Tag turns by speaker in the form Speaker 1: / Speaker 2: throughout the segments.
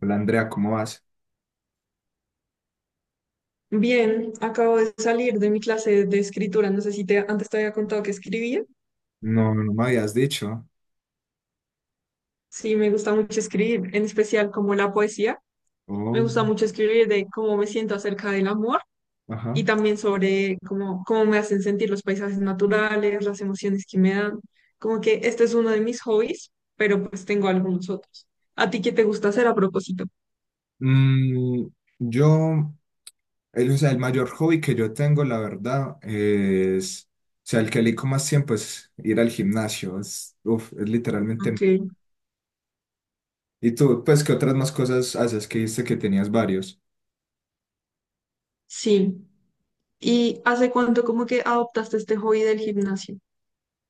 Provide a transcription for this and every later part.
Speaker 1: Hola Andrea, ¿cómo vas?
Speaker 2: Bien, acabo de salir de mi clase de escritura. No sé si te, antes te había contado que escribía.
Speaker 1: No, no me habías dicho.
Speaker 2: Sí, me gusta mucho escribir, en especial como la poesía. Me
Speaker 1: Oh,
Speaker 2: gusta mucho escribir de cómo me siento acerca del amor
Speaker 1: ajá.
Speaker 2: y también sobre cómo me hacen sentir los paisajes naturales, las emociones que me dan. Como que este es uno de mis hobbies, pero pues tengo algunos otros. ¿A ti qué te gusta hacer a propósito?
Speaker 1: Mm, yo, o sea, el mayor hobby que yo tengo, la verdad, o sea, el que elijo más tiempo es ir al gimnasio. Es literalmente mi
Speaker 2: Ok,
Speaker 1: vida. ¿Y tú, pues, qué otras más cosas haces? Que dijiste que tenías varios.
Speaker 2: sí. ¿Y hace cuánto como que adoptaste este hobby del gimnasio?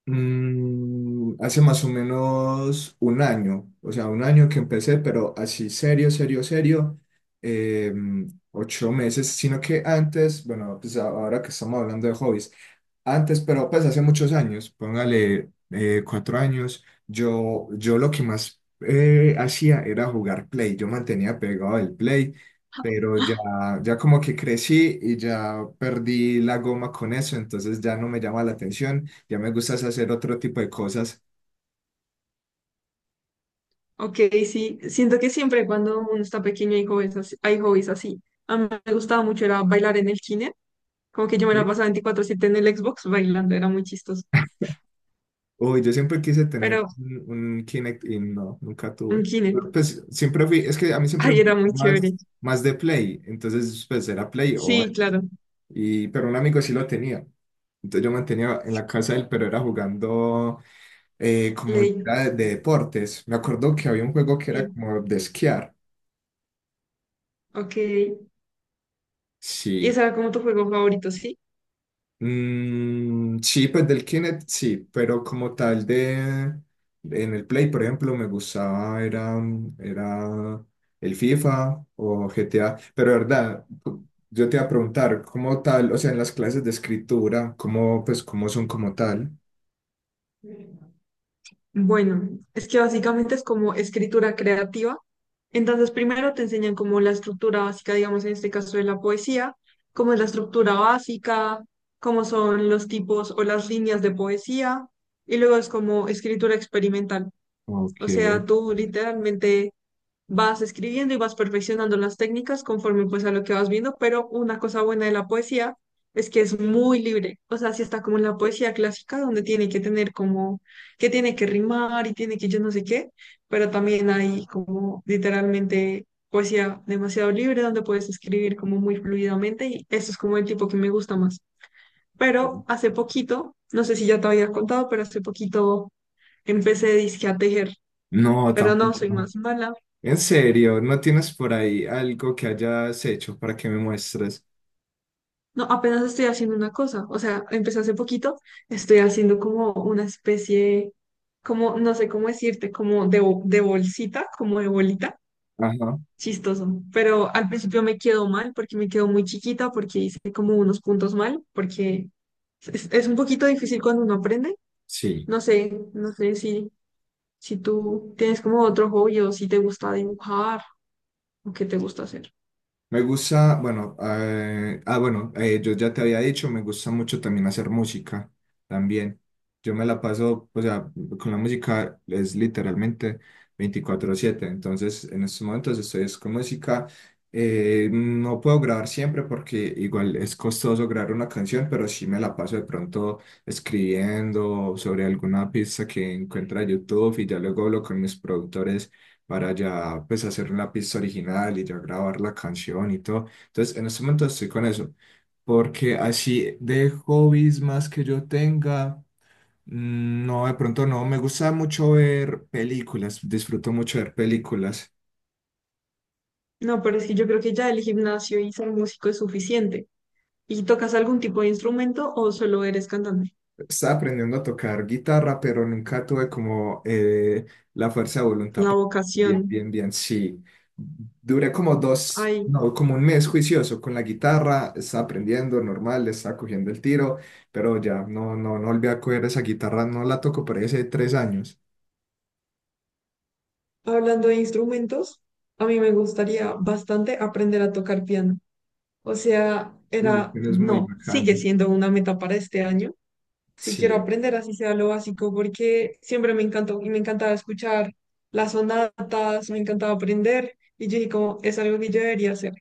Speaker 1: Hace más o menos un año, o sea, un año que empecé, pero así serio, serio, serio, 8 meses, sino que antes, bueno, pues ahora que estamos hablando de hobbies, antes, pero pues hace muchos años, póngale 4 años, yo lo que más hacía era jugar Play, yo mantenía pegado el Play, pero ya, ya como que crecí y ya perdí la goma con eso, entonces ya no me llama la atención, ya me gusta es hacer otro tipo de cosas.
Speaker 2: Ok, sí, siento que siempre cuando uno está pequeño hay hobbies así. Hay hobbies así. A mí me gustaba mucho era bailar en el kine, como que yo me la
Speaker 1: ¿Sí?
Speaker 2: pasaba 24/7 en el Xbox bailando, era muy chistoso.
Speaker 1: Uy, yo siempre quise tener
Speaker 2: Pero
Speaker 1: un Kinect y no, nunca
Speaker 2: un
Speaker 1: tuve.
Speaker 2: kine,
Speaker 1: Pero, pues siempre fui, es que a mí siempre me
Speaker 2: ay, era
Speaker 1: gustó
Speaker 2: muy chévere.
Speaker 1: más de Play, entonces pues era Play o.
Speaker 2: Sí, claro,
Speaker 1: Y, pero un amigo sí lo tenía. Entonces yo mantenía en la casa de él, pero era jugando como
Speaker 2: Play,
Speaker 1: era de deportes. Me acuerdo que había un juego que era
Speaker 2: sí,
Speaker 1: como de esquiar.
Speaker 2: ok. Y
Speaker 1: Sí.
Speaker 2: ese era como tu juego favorito, ¿sí?
Speaker 1: Mm, sí, pues del Kinect, sí, pero como tal de... En el Play, por ejemplo, me gustaba, era el FIFA o GTA, pero de verdad, yo te iba a preguntar, ¿cómo tal? O sea, en las clases de escritura, ¿Pues, cómo son como tal?
Speaker 2: Bueno, es que básicamente es como escritura creativa. Entonces, primero te enseñan como la estructura básica, digamos, en este caso de la poesía, cómo es la estructura básica, cómo son los tipos o las líneas de poesía, y luego es como escritura experimental.
Speaker 1: Ok.
Speaker 2: O sea, tú literalmente vas escribiendo y vas perfeccionando las técnicas conforme pues a lo que vas viendo, pero una cosa buena de la poesía es que es muy libre, o sea, si está como en la poesía clásica donde tiene que tener como que tiene que rimar y tiene que yo no sé qué, pero también hay como literalmente poesía demasiado libre donde puedes escribir como muy fluidamente y eso es como el tipo que me gusta más. Pero hace poquito, no sé si ya te había contado, pero hace poquito empecé dizque a tejer,
Speaker 1: No,
Speaker 2: pero no
Speaker 1: tampoco.
Speaker 2: soy
Speaker 1: No.
Speaker 2: más mala.
Speaker 1: En serio, ¿no tienes por ahí algo que hayas hecho para que me muestres?
Speaker 2: No, apenas estoy haciendo una cosa, o sea, empecé hace poquito, estoy haciendo como una especie, como, no sé cómo decirte, como de, de bolsita, como de bolita,
Speaker 1: Ajá,
Speaker 2: chistoso, pero al principio me quedó mal porque me quedó muy chiquita, porque hice como unos puntos mal, porque es un poquito difícil cuando uno aprende,
Speaker 1: sí.
Speaker 2: no sé, no sé si, si tú tienes como otro hobby o si te gusta dibujar o qué te gusta hacer.
Speaker 1: Me gusta, bueno, bueno, yo ya te había dicho, me gusta mucho también hacer música, también. Yo me la paso, o sea, con la música es literalmente 24/7, entonces en estos momentos estoy es con música. No puedo grabar siempre porque igual es costoso grabar una canción, pero sí me la paso de pronto escribiendo sobre alguna pista que encuentra YouTube y ya luego hablo con mis productores para ya pues hacer la pista original y ya grabar la canción y todo. Entonces, en este momento estoy con eso, porque así de hobbies más que yo tenga, mm, no, de pronto no, me gusta mucho ver películas, disfruto mucho ver películas.
Speaker 2: No, pero es que yo creo que ya el gimnasio y ser músico es suficiente. ¿Y tocas algún tipo de instrumento o solo eres cantante?
Speaker 1: Estaba aprendiendo a tocar guitarra, pero nunca tuve como la fuerza de voluntad
Speaker 2: La
Speaker 1: para... Bien,
Speaker 2: vocación.
Speaker 1: bien, bien, sí. Duré como dos,
Speaker 2: Ay,
Speaker 1: no, como un mes juicioso con la guitarra, estaba aprendiendo normal, le estaba cogiendo el tiro, pero ya no, no, no volví a coger esa guitarra, no la toco por ahí hace 3 años.
Speaker 2: hablando de instrumentos, a mí me gustaría bastante aprender a tocar piano. O sea,
Speaker 1: Uy,
Speaker 2: era,
Speaker 1: pero es muy
Speaker 2: no, sigue
Speaker 1: bacano.
Speaker 2: siendo una meta para este año. Si quiero
Speaker 1: Sí.
Speaker 2: aprender, así sea lo básico, porque siempre me encantó y me encantaba escuchar las sonatas, me encantaba aprender. Y yo dije como, es algo que yo debería hacer.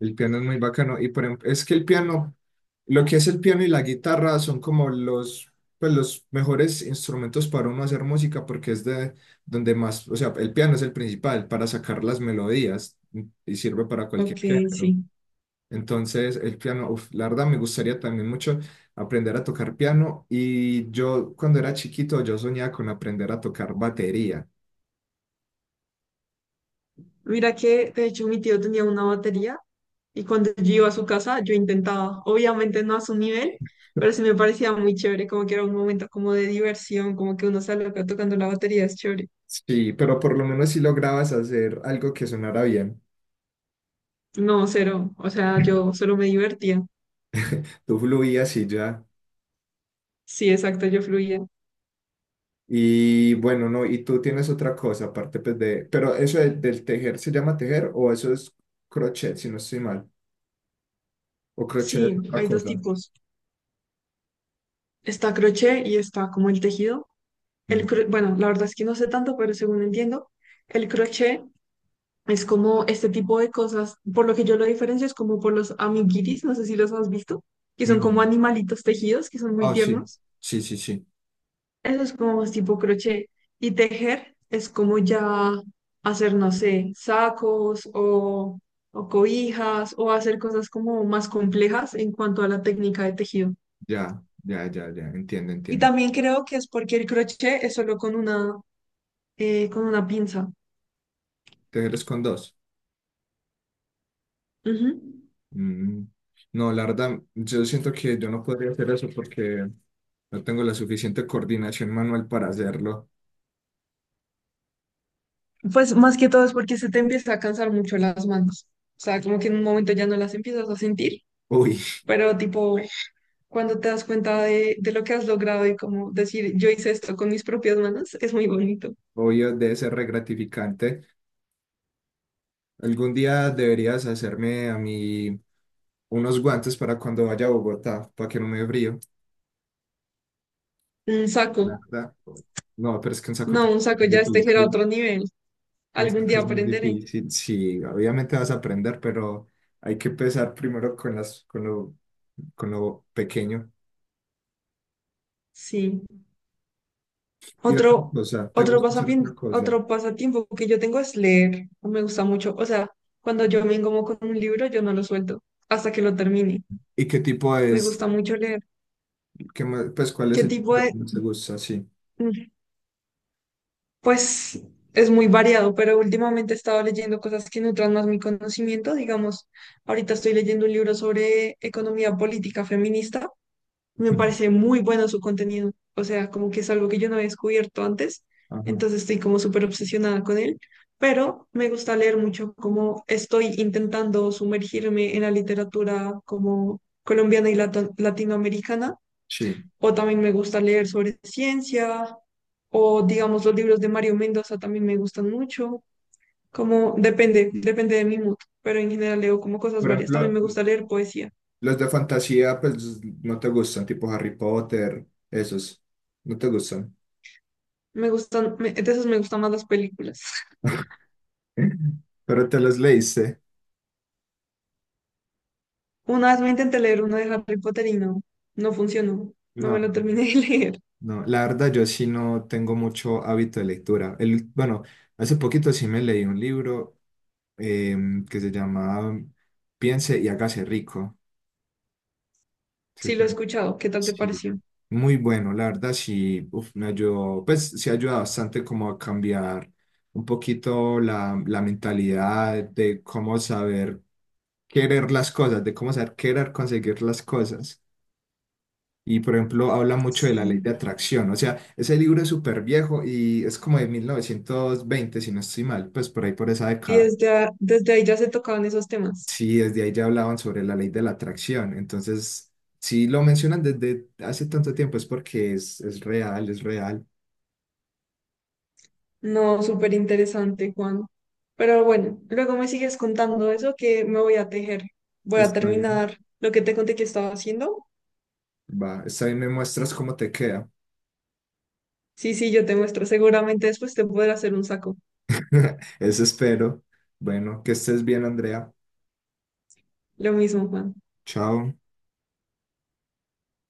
Speaker 1: El piano es muy bacano. Y por ejemplo, es que el piano, lo que es el piano y la guitarra son como los, pues, los mejores instrumentos para uno hacer música porque es de donde más, o sea, el piano es el principal para sacar las melodías y sirve para cualquier
Speaker 2: Ok,
Speaker 1: género.
Speaker 2: sí.
Speaker 1: Entonces, el piano, uf, la verdad me gustaría también mucho aprender a tocar piano, y yo cuando era chiquito yo soñaba con aprender a tocar batería.
Speaker 2: Mira que, de hecho, mi tío tenía una batería y cuando yo iba a su casa, yo intentaba, obviamente no a su nivel, pero sí me parecía muy chévere, como que era un momento como de diversión, como que uno sale acá tocando la batería, es chévere.
Speaker 1: Sí, pero por lo menos si lograbas hacer algo que sonara bien,
Speaker 2: No, cero, o sea, yo solo me divertía.
Speaker 1: tú fluías y ya.
Speaker 2: Sí, exacto, yo fluía.
Speaker 1: Y bueno, no, y tú tienes otra cosa aparte pues, de, pero eso del, tejer, se llama tejer o eso es crochet, si no estoy mal, o crochet es
Speaker 2: Sí,
Speaker 1: otra
Speaker 2: hay dos
Speaker 1: cosa.
Speaker 2: tipos. Está crochet y está como el tejido.
Speaker 1: Ujú.
Speaker 2: Bueno, la verdad es que no sé tanto, pero según entiendo, el crochet es como este tipo de cosas, por lo que yo lo diferencio es como por los amiguitis, no sé si los has visto, que son
Speaker 1: No.
Speaker 2: como animalitos tejidos, que son muy
Speaker 1: Ah, sí,
Speaker 2: tiernos.
Speaker 1: sí, sí, sí,
Speaker 2: Eso es como más tipo crochet. Y tejer es como ya hacer, no sé, sacos o cobijas o hacer cosas como más complejas en cuanto a la técnica de tejido.
Speaker 1: ya, ya, ya, ya, entiendo,
Speaker 2: Y
Speaker 1: entiendo.
Speaker 2: también creo que es porque el crochet es solo con una pinza.
Speaker 1: Tejer es con dos.
Speaker 2: Ujú.
Speaker 1: Mm. No, la verdad, yo siento que yo no podría hacer eso porque no tengo la suficiente coordinación manual para hacerlo.
Speaker 2: Pues más que todo es porque se te empieza a cansar mucho las manos. O sea, como que en un momento ya no las empiezas a sentir,
Speaker 1: Uy,
Speaker 2: pero tipo, cuando te das cuenta de lo que has logrado y como decir, yo hice esto con mis propias manos, es muy bonito.
Speaker 1: obvio, debe ser re gratificante. Algún día deberías hacerme a mí unos guantes para cuando vaya a Bogotá, para que no me dé frío,
Speaker 2: Un
Speaker 1: la
Speaker 2: saco,
Speaker 1: verdad. No, pero es que un saco
Speaker 2: no, un
Speaker 1: técnico
Speaker 2: saco
Speaker 1: es
Speaker 2: ya este era
Speaker 1: difícil.
Speaker 2: otro nivel.
Speaker 1: Un
Speaker 2: Algún
Speaker 1: saco
Speaker 2: día
Speaker 1: es muy
Speaker 2: aprenderé.
Speaker 1: difícil. Sí, obviamente vas a aprender, pero hay que empezar primero con las, con lo pequeño.
Speaker 2: Sí.
Speaker 1: Y otra
Speaker 2: Otro,
Speaker 1: cosa, ¿te gusta hacer otra cosa?
Speaker 2: otro pasatiempo que yo tengo es leer. Me gusta mucho. O sea, cuando yo me engomo con un libro, yo no lo suelto hasta que lo termine.
Speaker 1: ¿Y qué tipo
Speaker 2: Me
Speaker 1: es?
Speaker 2: gusta mucho leer.
Speaker 1: ¿Qué más- pues cuál es
Speaker 2: ¿Qué
Speaker 1: el tipo
Speaker 2: tipo
Speaker 1: que
Speaker 2: de,
Speaker 1: más te gusta? Sí.
Speaker 2: mm, pues es muy variado, pero últimamente he estado leyendo cosas que nutran más mi conocimiento. Digamos, ahorita estoy leyendo un libro sobre economía política feminista. Me
Speaker 1: Ujú.
Speaker 2: parece muy bueno su contenido. O sea, como que es algo que yo no había descubierto antes.
Speaker 1: Ajá.
Speaker 2: Entonces estoy como súper obsesionada con él. Pero me gusta leer mucho como estoy intentando sumergirme en la literatura como colombiana y latinoamericana
Speaker 1: Sí.
Speaker 2: o también me gusta leer sobre ciencia, o digamos los libros de Mario Mendoza también me gustan mucho, como depende de mi mood, pero en general leo como cosas
Speaker 1: Por
Speaker 2: varias, también
Speaker 1: ejemplo,
Speaker 2: me gusta leer poesía,
Speaker 1: los de fantasía, pues no te gustan, tipo Harry Potter, esos, no te gustan.
Speaker 2: me gustan, de esas me gustan más las películas.
Speaker 1: Pero te los leíste.
Speaker 2: Una vez me intenté leer uno de Harry Potter y no, no funcionó, no me lo
Speaker 1: No,
Speaker 2: terminé de leer.
Speaker 1: no, la verdad yo sí no tengo mucho hábito de lectura. El, bueno, hace poquito sí me leí un libro que se llama Piense y hágase rico. Sí,
Speaker 2: Sí lo he
Speaker 1: tan-
Speaker 2: escuchado, ¿qué tal te
Speaker 1: sí.
Speaker 2: pareció?
Speaker 1: Muy bueno, la verdad sí, uf, me ayudó, pues sí ayuda bastante como a cambiar un poquito la mentalidad de cómo saber querer las cosas, de cómo saber querer conseguir las cosas. Y por ejemplo, habla mucho de la ley
Speaker 2: Sí.
Speaker 1: de atracción. O sea, ese libro es súper viejo y es como de 1920 si no estoy mal, pues por ahí por esa
Speaker 2: Y
Speaker 1: década.
Speaker 2: desde, desde ahí ya se tocaban esos temas.
Speaker 1: Sí, desde ahí ya hablaban sobre la ley de la atracción. Entonces, si lo mencionan desde hace tanto tiempo es porque es real, es real.
Speaker 2: No, súper interesante, Juan. Pero bueno, luego me sigues contando eso que me voy a tejer. Voy a
Speaker 1: Está bien,
Speaker 2: terminar lo que te conté que estaba haciendo.
Speaker 1: va, está bien, me muestras cómo te queda.
Speaker 2: Sí, sí, yo te muestro. Seguramente después te podré hacer un saco.
Speaker 1: Eso espero. Bueno, que estés bien, Andrea.
Speaker 2: Lo mismo, Juan.
Speaker 1: Chao.